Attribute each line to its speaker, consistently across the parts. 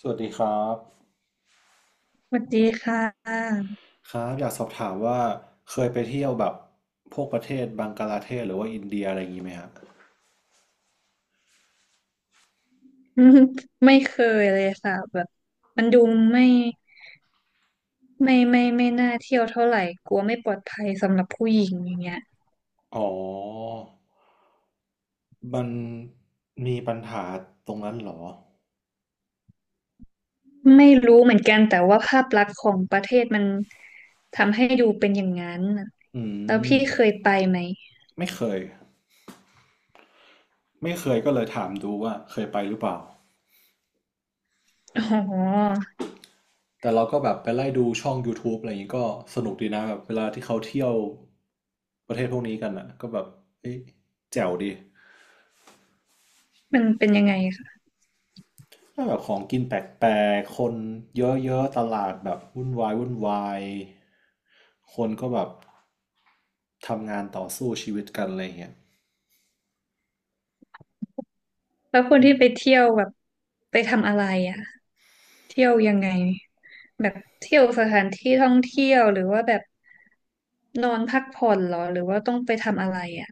Speaker 1: สวัสดีครับ
Speaker 2: สวัสดีค่ะ
Speaker 1: ครับอยากสอบถามว่าเคยไปเที่ยวแบบพวกประเทศบังกลาเทศหรือว่าอินเดียอะไรอย่างนี้ไหมฮะ
Speaker 2: ไม่เคยเลยค่ะแบบมันดูไม่ไม่น่าเที่ยวเท่าไหร่กลัวไม่ปลอดภัยสำหรับผู้หญิงอย่างเงี้ย
Speaker 1: อ๋อมันมีปัญหาตรงนั้นเหรอ
Speaker 2: ไม่รู้เหมือนกันแต่ว่าภาพลักษณ์ของประเทศมันทำให้ดูเป็นอย่างนั้นน่ะ
Speaker 1: อื
Speaker 2: แล้ว
Speaker 1: ม
Speaker 2: พี่เคยไปไหม
Speaker 1: ไม่เคยไม่เคยก็เลยถามดูว่าเคยไปหรือเปล่า
Speaker 2: อ๋อ
Speaker 1: แต่เราก็แบบไปไล่ดูช่อง YouTube อะไรอย่างนี้ก็สนุกดีนะแบบเวลาที่เขาเที่ยวประเทศพวกนี้กันอ่ะก็แบบเอ๊ะแจ๋วดี
Speaker 2: มันเป็นยังไงคะ
Speaker 1: ก็แบบของกินแปลกๆ คนเยอะๆ ตลาดแบบวุ่นวายวุ่นวายคนก็แบบทำงานต่อสู้ชีวิตกันอะไรเงี้ย
Speaker 2: แล้วคนที่ไปเที่ยวแบบไปทำอะไรอ่ะ เที่ยวยังไงแบบเที่ยวสถานที่ท่องเที่ยวหรือว่าแบบนอนพักผ่อนเหรอหรือว่าต้องไปทำอะไรอ่ะ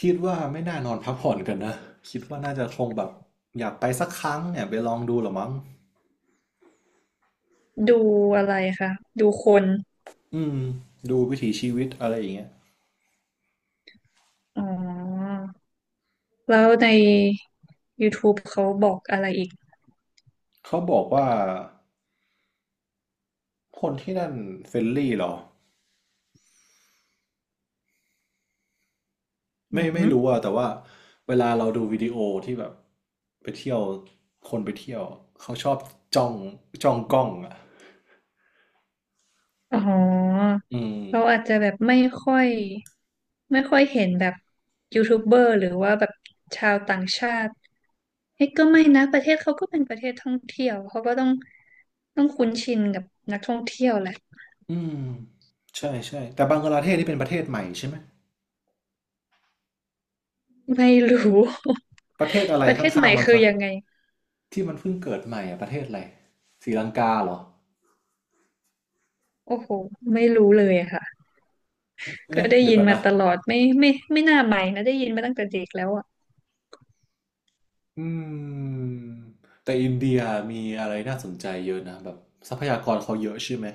Speaker 1: คิดว่าไม่น่านอนพักผ่อนกันนะคิดว่าน่าจะคงแบบอยากไปสักครั้งเนี่ยไปลองดูเหรอมั้ง
Speaker 2: ดูอะไรคะดูคน
Speaker 1: อืมดูวิถีชีวิตอะไรอย่างเงี้ย
Speaker 2: อ๋อแล้วใน YouTube เขาบอกอะไรอีก
Speaker 1: เขาบอกว่าคนที่นั่นเฟรนลี่เหรอ
Speaker 2: อื
Speaker 1: ไม่รู้
Speaker 2: ม
Speaker 1: อะแต่ว่าเวลาเราดูวิดีโอที่แบบไปเที่ยวคนไปเที่ยวเขาชอบจ้องจ้องกล้องอะ
Speaker 2: อ๋อ
Speaker 1: อืม
Speaker 2: เราอาจจะแบบค่อยไม่ค่อยเห็นแบบยูทูบเบอร์หรือว่าแบบชาวต่างชาติเฮ้ยก็ไม่นะประเทศเขาก็เป็นประเทศท่องเที่ยวเขาก็ต้องคุ้นชินกับนักท่องเที่ยวแหละ
Speaker 1: อืมใช่ใช่แต่บังกลาเทศนี่เป็นประเทศใหม่ใช่ไหม
Speaker 2: ไม่รู้
Speaker 1: ประเทศอะไร
Speaker 2: ประเทศให
Speaker 1: ข้าง
Speaker 2: ม่
Speaker 1: ๆบัง
Speaker 2: คื
Speaker 1: ก
Speaker 2: อ
Speaker 1: ลา
Speaker 2: ยังไง
Speaker 1: ที่มันเพิ่งเกิดใหม่อะประเทศอะไรศรีลังกาเหรอ
Speaker 2: โอ้โหไม่รู้เลยอะค่ะก็
Speaker 1: เอ๊ะ
Speaker 2: ได้
Speaker 1: เดี๋ยว
Speaker 2: ยิน
Speaker 1: ก่อน
Speaker 2: มา
Speaker 1: นะ
Speaker 2: ตลอดไม่น่าใหม่นะได้ยินมาตั้งแต่เด็กแล้วอะ
Speaker 1: อืมแต่อินเดียมีอะไรน่าสนใจเยอะนะแบบทรัพยากรเขาเยอะใช่ไหม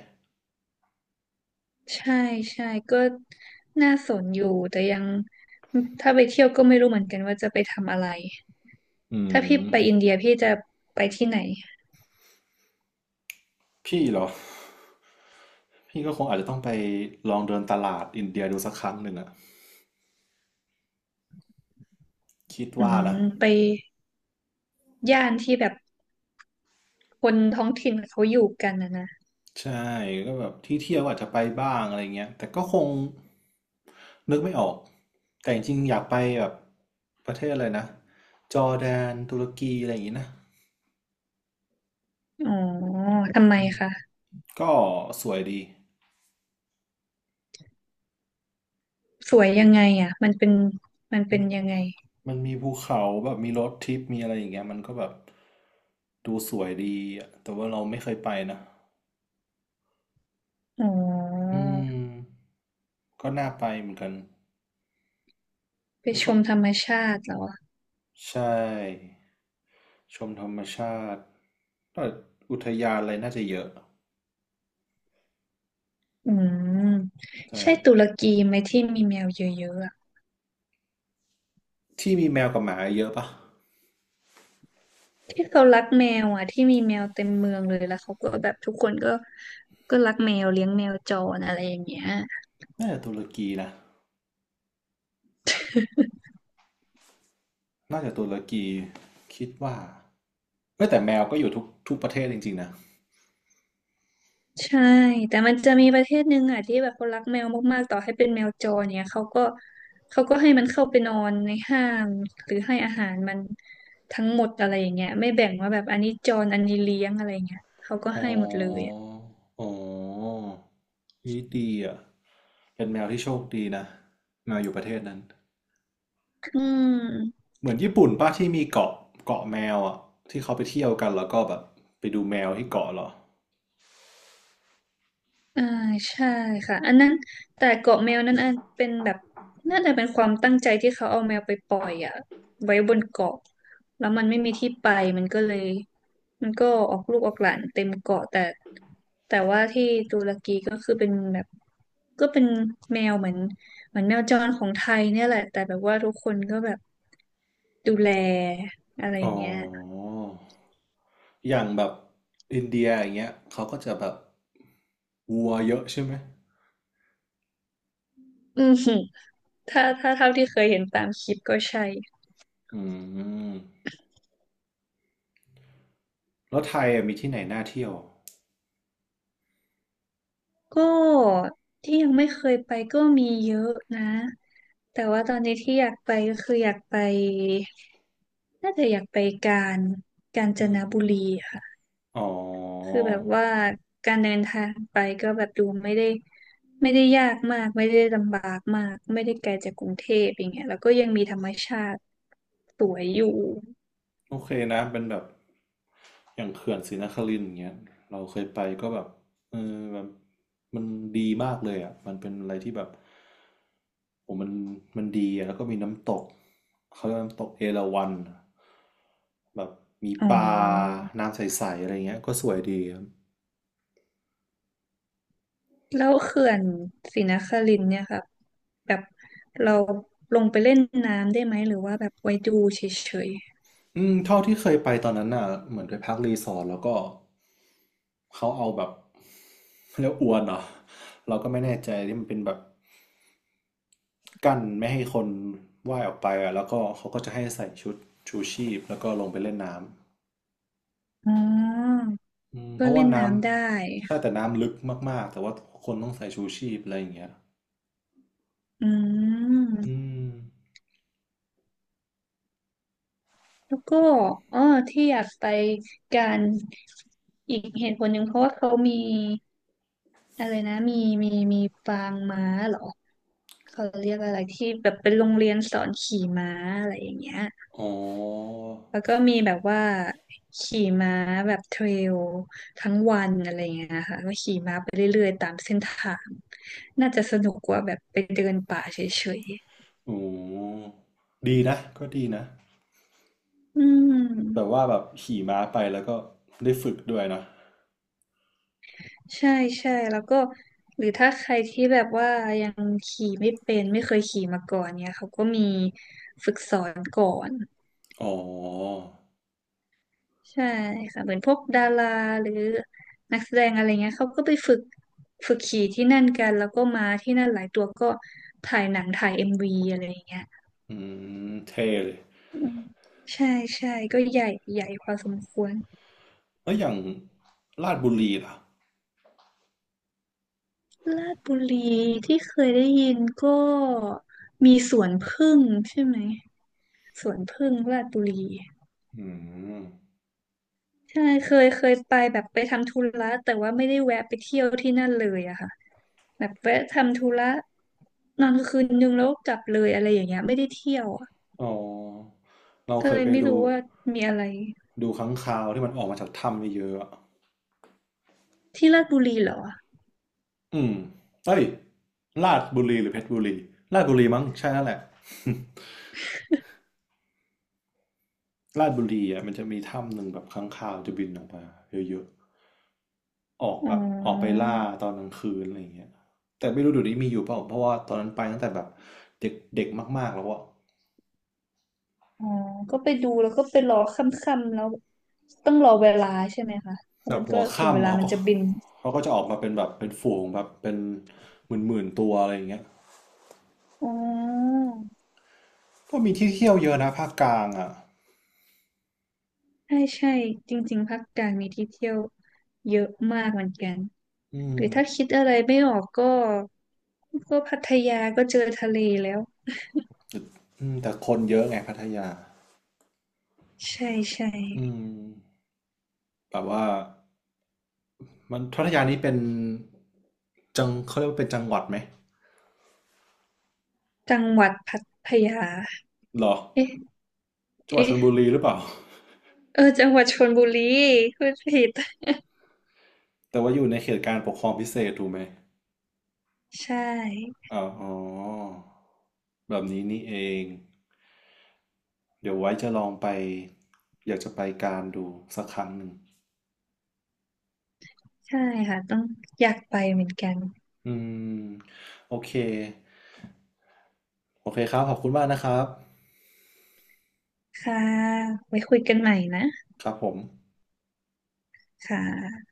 Speaker 2: ใช่ใช่ก็น่าสนอยู่แต่ยังถ้าไปเที่ยวก็ไม่รู้เหมือนกันว่าจะไปทำอะไร
Speaker 1: อื
Speaker 2: ถ้าพี่
Speaker 1: ม
Speaker 2: ไปอินเดียพี่จะไปที่ไหน
Speaker 1: พี่เหรอ พี่ก็คงอาจจะต้องไปลองเดินตลาดอินเดียดูสักครั้งหนึ่งอะคิด
Speaker 2: อื
Speaker 1: ว่า
Speaker 2: ม
Speaker 1: นะ
Speaker 2: ไปย่านที่แบบคนท้องถิ่นเขาอยู่กันนะนะ
Speaker 1: ใช่ก็แบบที่เที่ยวอาจจะไปบ้างอะไรเงี้ยแต่ก็คงนึกไม่ออกแต่จริงๆอยากไปแบบประเทศอะไรนะจอร์แดนตุรกีอะไรอย่างงี้นะ
Speaker 2: อ๋อทำไม
Speaker 1: อืม
Speaker 2: คะ
Speaker 1: ก็สวยดี
Speaker 2: สวยยังไงอ่ะมันเป็นยังไง
Speaker 1: มันมีภูเขาแบบมีรถทริปมีอะไรอย่างเงี้ยมันก็แบบดูสวยดีอะแต่ว่าเราไม่เคยไปนะ
Speaker 2: อ๋อ
Speaker 1: อืมก็น่าไปเหมือนกัน
Speaker 2: ไป
Speaker 1: แต่
Speaker 2: ช
Speaker 1: เขา
Speaker 2: มธรรมชาติเหรอ
Speaker 1: ใช่ชมธรรมชาติก็อุทยานอะไรน่าจะเยอะ
Speaker 2: อืม
Speaker 1: ใช่
Speaker 2: ใช่ตุรกีไหมที่มีแมวเยอะๆอะ
Speaker 1: ที่มีแมวกับหมาเยอะปะ
Speaker 2: ที่เขารักแมวอ่ะที่มีแมวเต็มเมืองเลยแล้วเขาก็แบบทุกคนก็รักแมวเลี้ยงแมวจรอะไรอย่างเงี้ย
Speaker 1: น่าจะตุรกีนะน่าจะตุรกีคิดว่าเอ้ยแต่แมวก็อยู่ทุกประเทศจริงๆนะ
Speaker 2: ใช่แต่มันจะมีประเทศหนึ่งอ่ะที่แบบเขารักแมวมากๆต่อให้เป็นแมวจรเนี่ยเขาก็ให้มันเข้าไปนอนในห้างหรือให้อาหารมันทั้งหมดอะไรอย่างเงี้ยไม่แบ่งว่าแบบอันนี้จรอันนี้เลี้ยงอะไรอย่างเงี้ยเขาก็
Speaker 1: อ๋อ
Speaker 2: ให้หมดเลยอ่ะ
Speaker 1: อ๋อนี่ดีอ่ะเป็นแมวที่โชคดีนะแมวอยู่ประเทศนั้น
Speaker 2: อืม
Speaker 1: เหมือนญี่ปุ่นป้าที่มีเกาะเกาะแมวอ่ะที่เขาไปเที่ยวกันแล้วก็แบบไปดูแมวที่เกาะเหรอ
Speaker 2: อ่าใช่ค่ะอันนั้นแต่เกาะแมวนั้นอันเป็นแบบน่าจะเป็นความตั้งใจที่เขาเอาแมวไปปล่อยอ่ะไว้บนเกาะแล้วมันไม่มีที่ไปมันก็เลยมันก็ออกลูกออกหลานเต็มเกาะแต่ว่าที่ตุรกีก็คือเป็นแบบก็เป็นแมวเหมือนแมวจรของไทยเนี่ยแหละแต่แบบว่าทุกคนก็แบบดูแลอะไรอ
Speaker 1: อ๋อ
Speaker 2: ย่างเงี้ย
Speaker 1: อย่างแบบอินเดียอย่างเงี้ยเขาก็จะแบบวัวเยอะใช่ไหม
Speaker 2: อืมถ้าเท่าที่เคยเห็นตามคลิปก็ใช่
Speaker 1: อืมแล้วไทยอะมีที่ไหนน่าเที่ยว
Speaker 2: ก็ที่ยังไม่เคยไปก็มีเยอะนะแต่ว่าตอนนี้ที่อยากไปก็คืออยากไปน่าจะอยากไปกาญกาญจ
Speaker 1: อื
Speaker 2: น
Speaker 1: ม
Speaker 2: บุรีค่ะ
Speaker 1: อ๋อ
Speaker 2: คือแบบว่าการเดินทางไปก็แบบดูไม่ได้ไม่ได้ยากมากไม่ได้ลำบากมากไม่ได้ไกลจากกรุงเทพอย่างเงี้ยแล้วก็ยังมีธรรมชาติสวยอยู่
Speaker 1: โอเคนะเป็นแบบอย่างเขื่อนศรีนครินทร์อย่างเงี้ยเราเคยไปก็แบบเออแบบมันดีมากเลยอ่ะมันเป็นอะไรที่แบบโอ้มันดีอ่ะแล้วก็มีน้ำตกเขาเรียกว่าน้ำตกเอราวัณแบบมี
Speaker 2: อ๋
Speaker 1: ปลา
Speaker 2: อ
Speaker 1: น้ำใสๆอะไรเงี้ยก็สวยดีครับ
Speaker 2: แล้วเขื่อนศรีนครินทร์เนี่ยค่ะแบบเราลงไปเล่นน้ำได้ไหมหรือว่าแบบไว้ดูเฉย
Speaker 1: อืมเท่าที่เคยไปตอนนั้นน่ะเหมือนไปพักรีสอร์ทแล้วก็เขาเอาแบบเรียกอวนเหรอเราก็ไม่แน่ใจที่มันเป็นแบบกั้นไม่ให้คนว่ายออกไปอ่ะแล้วก็เขาก็จะให้ใส่ชุดชูชีพแล้วก็ลงไปเล่นน้
Speaker 2: ๆอ๋อ
Speaker 1: ำอืมเพ
Speaker 2: ก็
Speaker 1: ราะว่า
Speaker 2: เล่น
Speaker 1: น้
Speaker 2: น้ำได้
Speaker 1: ำใช่แต่น้ำลึกมากๆแต่ว่าคนต้องใส่ชูชีพอะไรอย่างเงี้ย
Speaker 2: อื
Speaker 1: อื
Speaker 2: ม
Speaker 1: ม
Speaker 2: แล้วก็อ๋อที่อยากไปการอีกเหตุผลหนึ่งเพราะว่าเขามีอะไรนะมีมีปางม้าเหรอเขาเรียกอะไรที่แบบเป็นโรงเรียนสอนขี่ม้าอะไรอย่างเงี้ย
Speaker 1: อ๋อ
Speaker 2: แล้วก็มีแบบว่าขี่ม้าแบบเทรลทั้งวันอะไรอย่างเงี้ยค่ะก็ขี่ม้าไปเรื่อยๆตามเส้นทางน่าจะสนุกกว่าแบบไปเดินป่าเฉย
Speaker 1: โอ้ดีนะก็ดีนะ
Speaker 2: ๆอืม
Speaker 1: แบบว่าแบบขี่ม้าไปแล้วก็ได้ฝึกด้วยนะ
Speaker 2: ใช่ใช่แล้วก็หรือถ้าใครที่แบบว่ายังขี่ไม่เป็นไม่เคยขี่มาก่อนเนี่ยเขาก็มีฝึกสอนก่อน
Speaker 1: อ๋อ
Speaker 2: ใช่ค่ะเหมือนพวกดาราหรือนักแสดงอะไรเงี้ยเขาก็ไปฝึกขี่ที่นั่นกันแล้วก็มาที่นั่นหลายตัวก็ถ่ายหนังถ่ายเอ็มวีอะไรอย่างเงี้ย
Speaker 1: อืมเท่เลย
Speaker 2: อืมใช่ใช่ก็ใหญ่พอสมควร
Speaker 1: แล้วอย่างราชบุรีล่ะ
Speaker 2: ลาดบุรีที่เคยได้ยินก็มีสวนผึ้งใช่ไหมสวนผึ้งลาดบุรี
Speaker 1: อืม
Speaker 2: ใช่เคยไปแบบไปทำธุระแต่ว่าไม่ได้แวะไปเที่ยวที่นั่นเลยอะค่ะ แบบแวะทำธุระนอนคืนนึงแล้วกลับเลยอะไรอย่างเงี้ยไม่ได้เที่ยวอะ
Speaker 1: อ๋อเรา
Speaker 2: ก็
Speaker 1: เค
Speaker 2: เล
Speaker 1: ย
Speaker 2: ย
Speaker 1: ไป
Speaker 2: ไม่
Speaker 1: ดู
Speaker 2: รู้ว่ามีอะไร
Speaker 1: ดูค้างคาวที่มันออกมาจากถ้ำเยอะๆอะ
Speaker 2: ที่ลาดบุรีเหรอ
Speaker 1: อืมเอ้ยราชบุรีหรือเพชรบุรีราชบุรีมั้งใช่นั่นแหละ ราชบุรีอ่ะมันจะมีถ้ำหนึ่งแบบค้างคาวจะบินออกมาเยอะๆออก
Speaker 2: อ๋
Speaker 1: แบบออกไป
Speaker 2: อ
Speaker 1: ล่าตอนกลางคืนอะไรอย่างเงี้ยแต่ไม่รู้เดี๋ยวนี้มีอยู่เปล่าเพราะว่าตอนนั้นไปตั้งแต่แบบเด็กเด็กมากๆแล้วอะ
Speaker 2: อ๋อก็ไปดูแล้วก็ไปรอค่ำๆแล้วต้องรอเวลาใช่ไหมคะเพ
Speaker 1: แบ
Speaker 2: ราะมั
Speaker 1: บ
Speaker 2: นก็
Speaker 1: หัว
Speaker 2: ถึงเว
Speaker 1: ค่ำ
Speaker 2: ลา
Speaker 1: เขา
Speaker 2: มัน
Speaker 1: ก็
Speaker 2: จะบิน
Speaker 1: เขาก็จะออกมาเป็นแบบเป็นฝูงแบบเป็นหมื่นตัวอะไรอย่างเงี้ย
Speaker 2: อ๋อ
Speaker 1: ก็มีที่เที่ยวเยอะนะภาคกลางอ่ะ
Speaker 2: ใช่ใช่จริงๆภาคกลางมีที่เที่ยวเยอะมากเหมือนกัน
Speaker 1: อื
Speaker 2: ห
Speaker 1: ม
Speaker 2: รือถ้าคิดอะไรไม่ออกก็พัทยาก็เจอทะเลแล้ว
Speaker 1: อืมแต่คนเยอะไงพัทยา
Speaker 2: ใช่ใช่
Speaker 1: อืมแบบว่ามันพัทยานี้เป็นจังเขาเรียกว่าเป็นจังหวัดไหม
Speaker 2: จังหวัดพัทยา
Speaker 1: หรอ
Speaker 2: เอ๊ะ
Speaker 1: จังหวัดชลบุ
Speaker 2: เอ๊ะ
Speaker 1: รีหรือเปล่า
Speaker 2: เออจังหวัดชลบุรีพูดผิด
Speaker 1: แต่ว่าอยู่ในเขตการปกครองพิเศษถูกไหม
Speaker 2: ใช่
Speaker 1: อ๋ออ๋อแบบนี้นี่เองเดี๋ยวไว้จะลองไปอยากจะไปการดูสักครั้งหนึ่ง
Speaker 2: ใช่ค่ะต้องอยากไปเหมือนกัน
Speaker 1: อืมโอเคโอเคครับขอบคุณมากนะครับ
Speaker 2: ค่ะไว้คุยกันใหม่นะ
Speaker 1: ครับผม
Speaker 2: ค่ะ